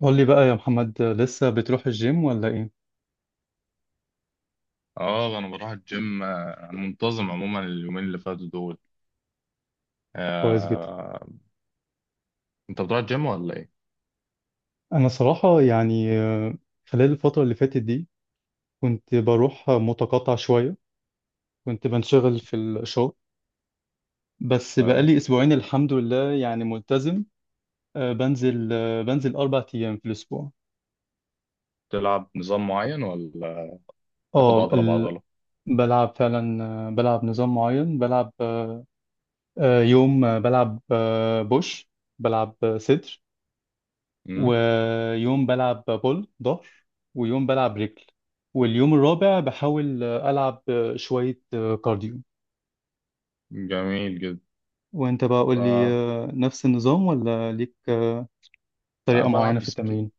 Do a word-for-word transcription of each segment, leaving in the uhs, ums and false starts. قول لي بقى يا محمد، لسه بتروح الجيم ولا ايه؟ اه، انا بروح الجيم، آه، انا منتظم عموما اليومين اللي فاتوا دول. كويس جدا. آه، انت بتروح الجيم ولا ايه؟ انا صراحة يعني، آه، خلال الفترة اللي فاتت دي كنت بروح متقطع شوية، كنت بنشغل في الشغل، بس ايوه. بقالي اسبوعين الحمد لله يعني ملتزم. آه، بنزل آه، بنزل اربع ايام في الاسبوع. تلعب نظام معين ولا تاخد اه. عضله ال- بعضله؟ بلعب فعلا، آه، بلعب نظام معين، بلعب آه، آه، يوم آه، بلعب آه، بوش، بلعب آه، صدر، امم. ويوم بلعب بول ظهر، ويوم بلعب رجل، واليوم الرابع بحاول ألعب شوية كارديو. جميل جدا. وانت بقى قول لي، آه. نفس النظام ولا ليك لا، طريقة معينة بلعب في سبل- التمرين؟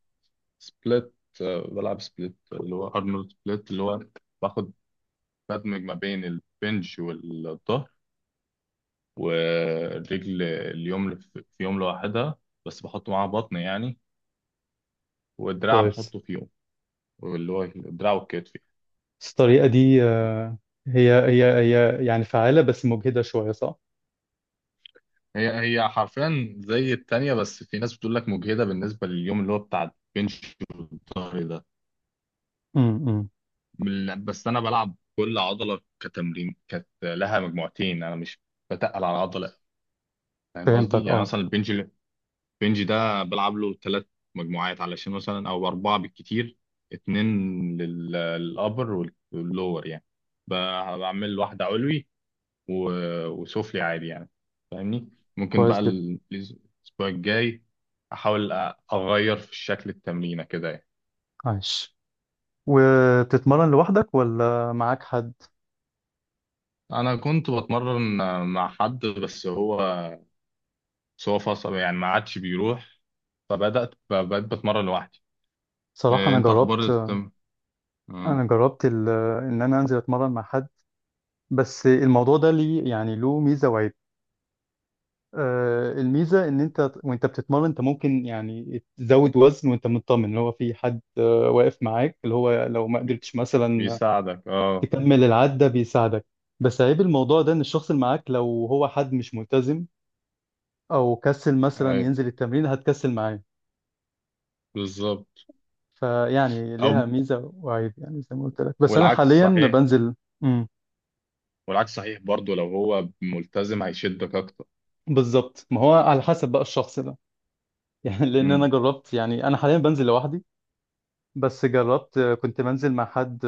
سبليت. آه، بلعب سبليت اللي هو ارنولد سبليت اللي هو باخد بدمج ما بين البنج والظهر، والرجل اليوم في في يوم لوحدها، بس بحط معاها بطن يعني. والدراع كويس. بحطه في يوم، واللي هو الدراع والكتف. بس الطريقة دي آه، هي هي هي يعني فعالة بس مجهدة شوية صح؟ هي هي حرفيا زي التانية، بس في ناس بتقول لك مجهدة بالنسبة لليوم اللي هو بتاع البنش والظهر ده. امم. من- بس أنا بلعب كل عضلة كتمرين كانت لها مجموعتين، أنا مش بتقل على عضلة. فاهم قصدي؟ فهمتك يعني اه. مثلا البنج، البنج ده بلعب له ثلاث مجموعات علشان، مثلا أو أربعة بالكتير. اتنين للأبر واللور يعني. ب- بعمل واحدة علوي و- وسفلي عادي يعني. فاهمني؟ ممكن كويس بقى جدا. ال- الاسبوع الجاي احاول أ- اغير في شكل التمرينه كده يعني. عايش. وبتتمرن لوحدك ولا معاك حد؟ انا كنت بتمرن مع حد، بس هو بس هو فصل يعني، ما عادش بيروح، فبدات ب- بقيت بتمرن لوحدي. صراحة إيه، أنا انت اخبار جربت، التم آه، أنا جربت ال... إن أنا أنزل أتمرن مع حد، بس الموضوع ده ليه يعني له ميزة وعيب. آه، الميزة ان انت وانت بتتمرن انت ممكن يعني تزود وزن وانت مطمن اللي هو في حد آه واقف معاك، اللي هو لو ما بي- قدرتش مثلا بيساعدك، اه. تكمل العدة بيساعدك. بس عيب الموضوع ده ان الشخص اللي معاك لو هو حد مش ملتزم او كسل مثلا ايوه، ينزل التمرين هتكسل معاه. بالظبط. فيعني ليها او ميزة وعيب يعني زي ما قلت لك، بس انا والعكس حاليا صحيح بنزل. امم. والعكس صحيح برضو، لو هو ملتزم هيشدك اكتر. بالظبط. ما هو على حسب بقى الشخص ده. يعني لان انا امم، جربت، يعني انا حاليا بنزل لوحدي، بس جربت كنت منزل مع حد،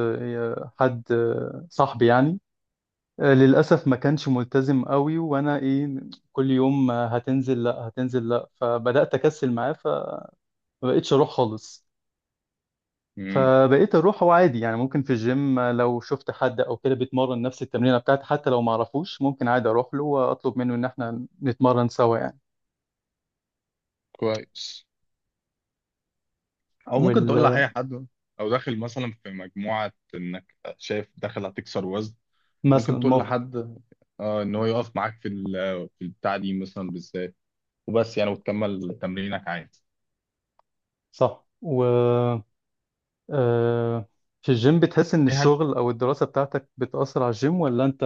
حد صاحبي يعني، للأسف ما كانش ملتزم قوي، وأنا إيه، كل يوم هتنزل لأ هتنزل لأ، فبدأت أكسل معاه فمبقتش أروح خالص. امم. فبقيت أروح وعادي يعني، ممكن في الجيم لو شفت حد أو كده بيتمرن نفس التمرينة بتاعتي حتى لو معرفوش ممكن عادي أروح له وأطلب منه إن إحنا نتمرن سوا يعني. كويس. او ممكن وال تقول لأي حد، او داخل مثلا في مجموعة انك شايف داخل هتكسر وزن، مثلا ممكن تقول ممكن. لحد، اه، ان هو يقف معاك في ال- في البتاع دي مثلا بالذات، وبس يعني، وتكمل تمرينك عادي. صح. و آه، في الجيم بتحس إن ايه هدف؟ الشغل أو الدراسة بتاعتك بتأثر على الجيم ولا أنت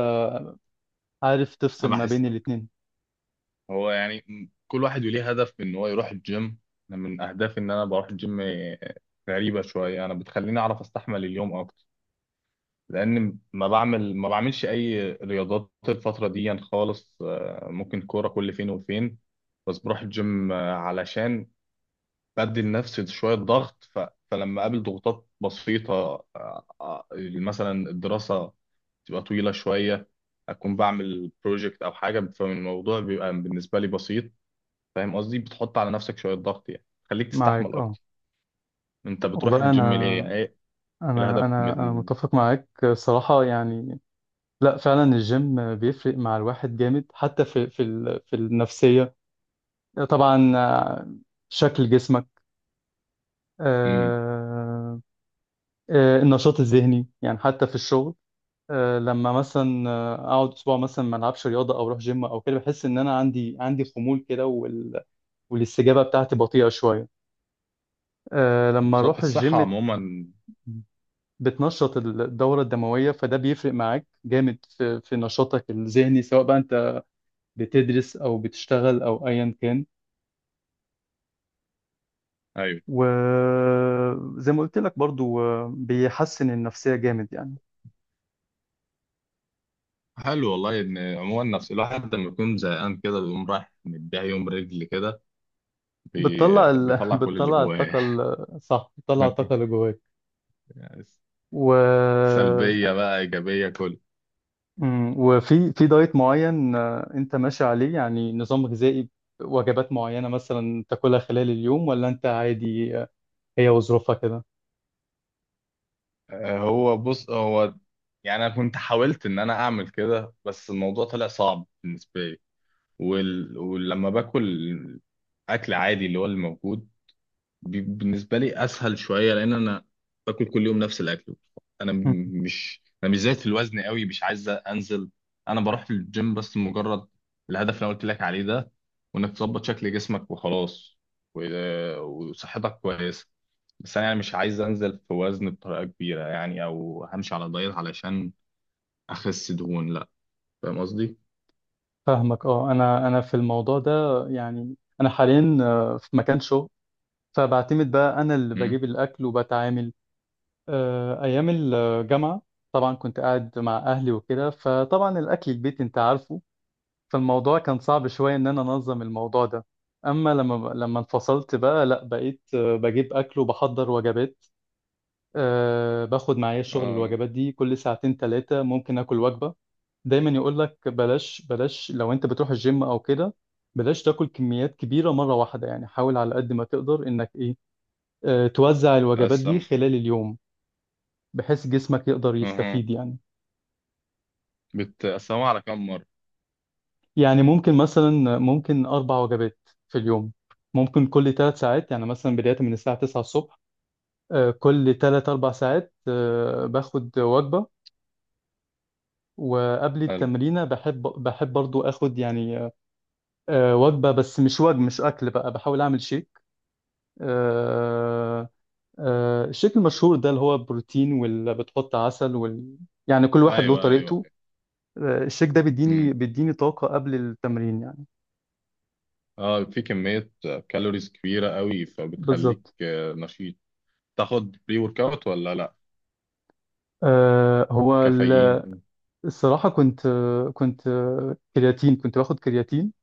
عارف انا تفصل ما بين بحس الاتنين؟ هو يعني، م- كل واحد ليه هدف ان هو يروح الجيم. أنا من اهدافي ان انا بروح الجيم، آه، غريبة شوية، انا بتخليني اعرف استحمل اليوم اكتر، لان ما بعمل ما بعملش اي رياضات الفتره دي يعني خالص. آه، ممكن كوره كل فين وفين، بس بروح الجيم آه، علشان بدي لنفسي شويه ضغط، ف... فلما اقابل ضغوطات بسيطه، آه، آه، مثلا الدراسه تبقى طويله شويه، اكون بعمل بروجكت او حاجه، فالموضوع بيبقى بالنسبه لي بسيط. فاهم قصدي؟ بتحط على نفسك شويه ضغط يعني، خليك تستحمل معاك اه. اكتر. انت بتروح والله أنا الجيم ليه؟ يعني ايه أنا الهدف من أنا أنا ال... متفق معاك الصراحة يعني. لا فعلا الجيم بيفرق مع الواحد جامد حتى في في ال- في النفسية طبعا. آه، شكل جسمك، مم. آه، آه، النشاط الذهني يعني حتى في الشغل. آه، لما مثلا آه، اقعد اسبوع مثلا ما العبش رياضه او اروح جيم او كده بحس ان انا عندي عندي خمول كده، والاستجابة بتاعتي بطيئة شوية. أه لما بالظبط، أروح الصحه الجيم عموما. بتنشط الدورة الدموية، فده بيفرق معاك جامد في, في نشاطك الذهني سواء بقى أنت بتدرس أو بتشتغل أو أيا كان. ايوه. وزي ما قلت لك برضو، آه، بيحسن النفسية جامد يعني. حلو والله، ان عموما نفس الواحد لما يكون زهقان كده بيقوم رايح مديها يوم رجل كده، بي... بتطلع ال... بيطلع كل اللي بتطلع جواه. الطاقة ال- صح، بتطلع الطاقة اللي جواك. يعني و سلبيه بقى ايجابيه كل. مم. وفي في دايت معين آه، انت ماشي عليه يعني نظام غذائي، وجبات معينة مثلا تاكلها خلال اليوم، ولا انت عادي آه، هي وظروفها كده؟ آه، هو بص، هو يعني انا كنت حاولت ان انا اعمل كده، بس الموضوع طلع صعب بالنسبه لي. وال... ولما باكل اكل عادي اللي هو الموجود، بي- بالنسبه لي اسهل شويه، لان انا باكل كل يوم نفس الاكل. انا م- مم. مش انا مش زايد في الوزن قوي، مش عايز انزل. انا بروح الجيم بس مجرد الهدف اللي أنا قلت لك عليه ده، وانك تظبط شكل جسمك وخلاص، و- وصحتك كويسه، بس انا يعني مش عايز انزل في وزن بطريقه كبيره يعني، او همشي على دايت علشان اخس دهون، لا. فاهم قصدي؟ فاهمك اه. انا انا في الموضوع ده يعني، انا حاليا آه، في مكان شغل، فبعتمد بقى انا اللي امم. بجيب الاكل وبتعامل. آه، ايام الجامعة طبعا كنت قاعد مع اهلي وكده، فطبعا الاكل البيت انت عارفه، فالموضوع كان صعب شوية إن أنا أنظم الموضوع ده. أما لما لما انفصلت بقى لأ، بقيت آه، بجيب أكل وبحضر وجبات. أه باخد معايا الشغل اه. الوجبات دي، كل ساعتين تلاتة ممكن آكل وجبة. دايما يقول لك بلاش، بلاش لو أنت بتروح الجيم أو كده بلاش تاكل كميات كبيرة مرة واحدة، يعني حاول على قد ما تقدر إنك إيه، أه توزع الوجبات دي تقسم. خلال اليوم، بحيث جسمك يقدر اها. يستفيد يعني. بتقسمها على كم مره؟ يعني ممكن مثلا، ممكن أربع وجبات في اليوم، ممكن كل ثلاث ساعات، يعني مثلا بداية من الساعة تسعة الصبح، آه، كل ثلاث أربع ساعات آه، باخد وجبة. وقبل حلو. التمرينة بحب بحب برضو آخد يعني، آه، وجبة، بس مش وجبة، مش أكل بقى، بحاول أعمل شيك، آه، آه، الشيك المشهور ده اللي هو بروتين واللي بتحط عسل وال... يعني كل واحد له ايوه، ايوه. طريقته. آه، الشيك ده ايوه، بيديني بيديني طاقة قبل التمرين يعني. اه، في كمية كالوريز كبيرة قوي، فبتخليك بالظبط. آه، نشيط. تاخد بري ورك اوت ولا لا؟ آه، هو كافيين؟ الصراحة، كنت كنت كرياتين كنت باخد كرياتين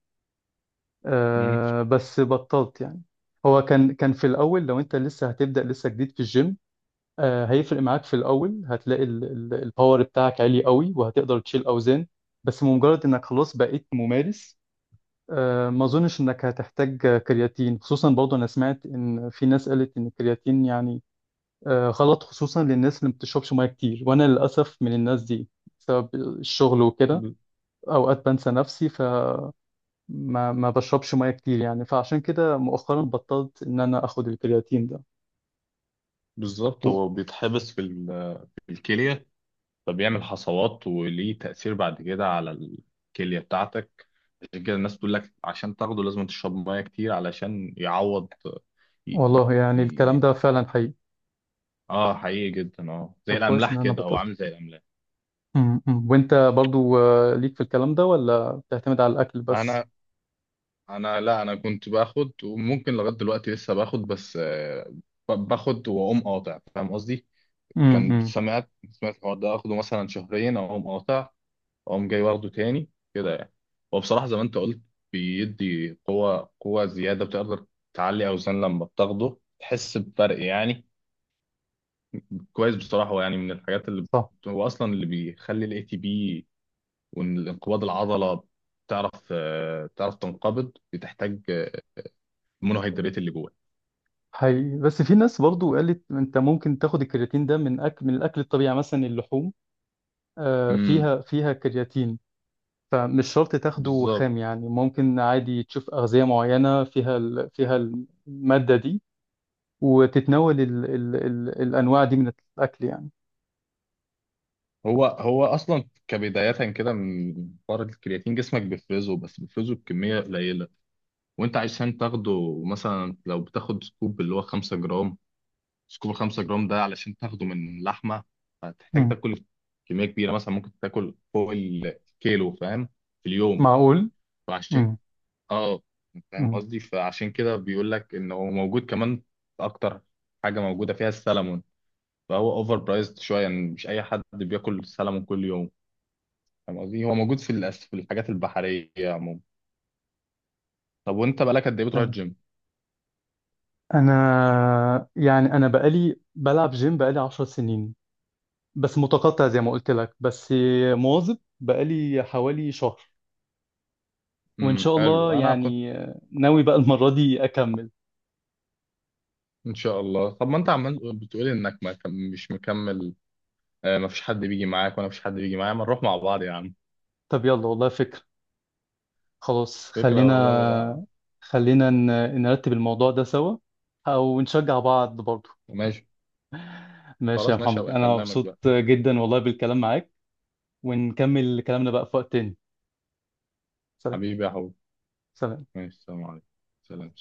مم. آه، بس بطلت يعني. هو كان كان في الأول لو أنت لسه هتبدأ لسه جديد في الجيم آه، هيفرق معاك في الأول، هتلاقي ال- ال- الباور بتاعك عالي قوي وهتقدر تشيل أوزان. بس بمجرد إنك خلاص بقيت ممارس، آه، ما أظنش إنك هتحتاج كرياتين، خصوصا برضه أنا سمعت إن في ناس قالت إن الكرياتين يعني آه، غلط، خصوصا للناس اللي ما بتشربش مياه كتير، وأنا للأسف من الناس دي بسبب الشغل وكده، ب- اوقات بنسى نفسي فما ما بشربش ميه كتير يعني، فعشان كده مؤخرا بطلت ان انا اخد الكرياتين ده. بالظبط. و... هو بيتحبس في ال- في الكلية، فبيعمل حصوات وليه تأثير بعد كده على الكلية بتاعتك. عشان كده الناس بتقول لك عشان تاخده لازم تشرب مية كتير علشان يعوض. ي... ي... والله يعني الكلام ي... ده فعلا حقيقي. اه، حقيقي جدا، اه، طب زي كويس ان الأملاح انا كده، هو بطلت. عامل زي الأملاح. م- م. وانت برضو آه، ليك في الكلام ده ولا بتعتمد على الاكل بس؟ انا انا لا، انا كنت باخد، وممكن لغايه دلوقتي لسه باخد، بس آه، ب- باخد واقوم قاطع. فاهم قصدي؟ كنت امم. سمعت، سمعت الحوار ده اخده مثلا شهرين اقوم قاطع، اقوم جاي واخده تاني كده يعني. وبصراحه زي ما انت قلت، بيدي قوه، قوه زياده، بتقدر تعلي اوزان لما بتاخده، تحس بفرق يعني. كويس بصراحه. هو يعني من الحاجات اللي صح. بت- هو اصلا اللي بيخلي الاي تي بي وانقباض العضله تعرف آه، تعرف تنقبض، بتحتاج آه، مونوهيدرات اللي جوه. حقيقي، بس في ناس برضو قالت انت ممكن تاخد الكرياتين ده من اكل، من الاكل الطبيعي يعني مثلا اللحوم آه، امم. فيها فيها كرياتين، فمش شرط تاخده بالظبط. خام يعني، ممكن عادي تشوف أغذية معينة فيها ال... فيها المادة دي وتتناول ال... ال... ال... الأنواع دي من الأكل يعني. هو هو اصلا كبدايه كده من حوار الكرياتين جسمك بيفرزه، بس بيفرزه بكميه قليله، وانت عشان تاخده مثلا لو بتاخد سكوب اللي هو خمسة جرام، سكوب خمسة جرام ده علشان تاخده من لحمه هتحتاج مم. تاكل كميه كبيره، مثلا ممكن تاكل فوق الكيلو، فاهم، في اليوم. معقول؟ فعشان مم. اه، فاهم مم. قصدي؟ فعشان كده بيقول لك ان هو موجود كمان في اكتر حاجه، موجوده فيها السلمون. فهو اوفر برايزد شويه يعني، مش اي حد بياكل سلمون كل يوم. فاهم قصدي؟ هو موجود في الأس... في الحاجات البحريه عموما. طب وانت بقالك قد ايه بتروح تمام. الجيم؟ أنا يعني، أنا بقالي بلعب جيم بقالي عشر سنين، بس متقطع زي ما قلت لك، بس مواظب بقالي حوالي شهر، وإن امم شاء حلو، الله انا كنت. يعني، ناوي بقى المرة دي أكمل. ان شاء الله. طب ما انت عمال بتقولي انك ما كم- مش مكمل، آه ما فيش حد بيجي معاك، وانا مفيش حد بيجي معايا، ما نروح مع بعض يا عم. طب يلا، والله فكرة. خلاص فكره والله. خلينا خلينا ن- نرتب الموضوع ده سوا، او نشجع بعض برضه. ماشي. ماشي يا خلاص، ماشي، محمد، هبقى انا اكلمك مبسوط بقى. جدا والله بالكلام معاك، ونكمل كلامنا بقى في وقت تاني. سلام. حبيبي، يا حبيبي. سلام. ماشي، السلام عليكم. سلام.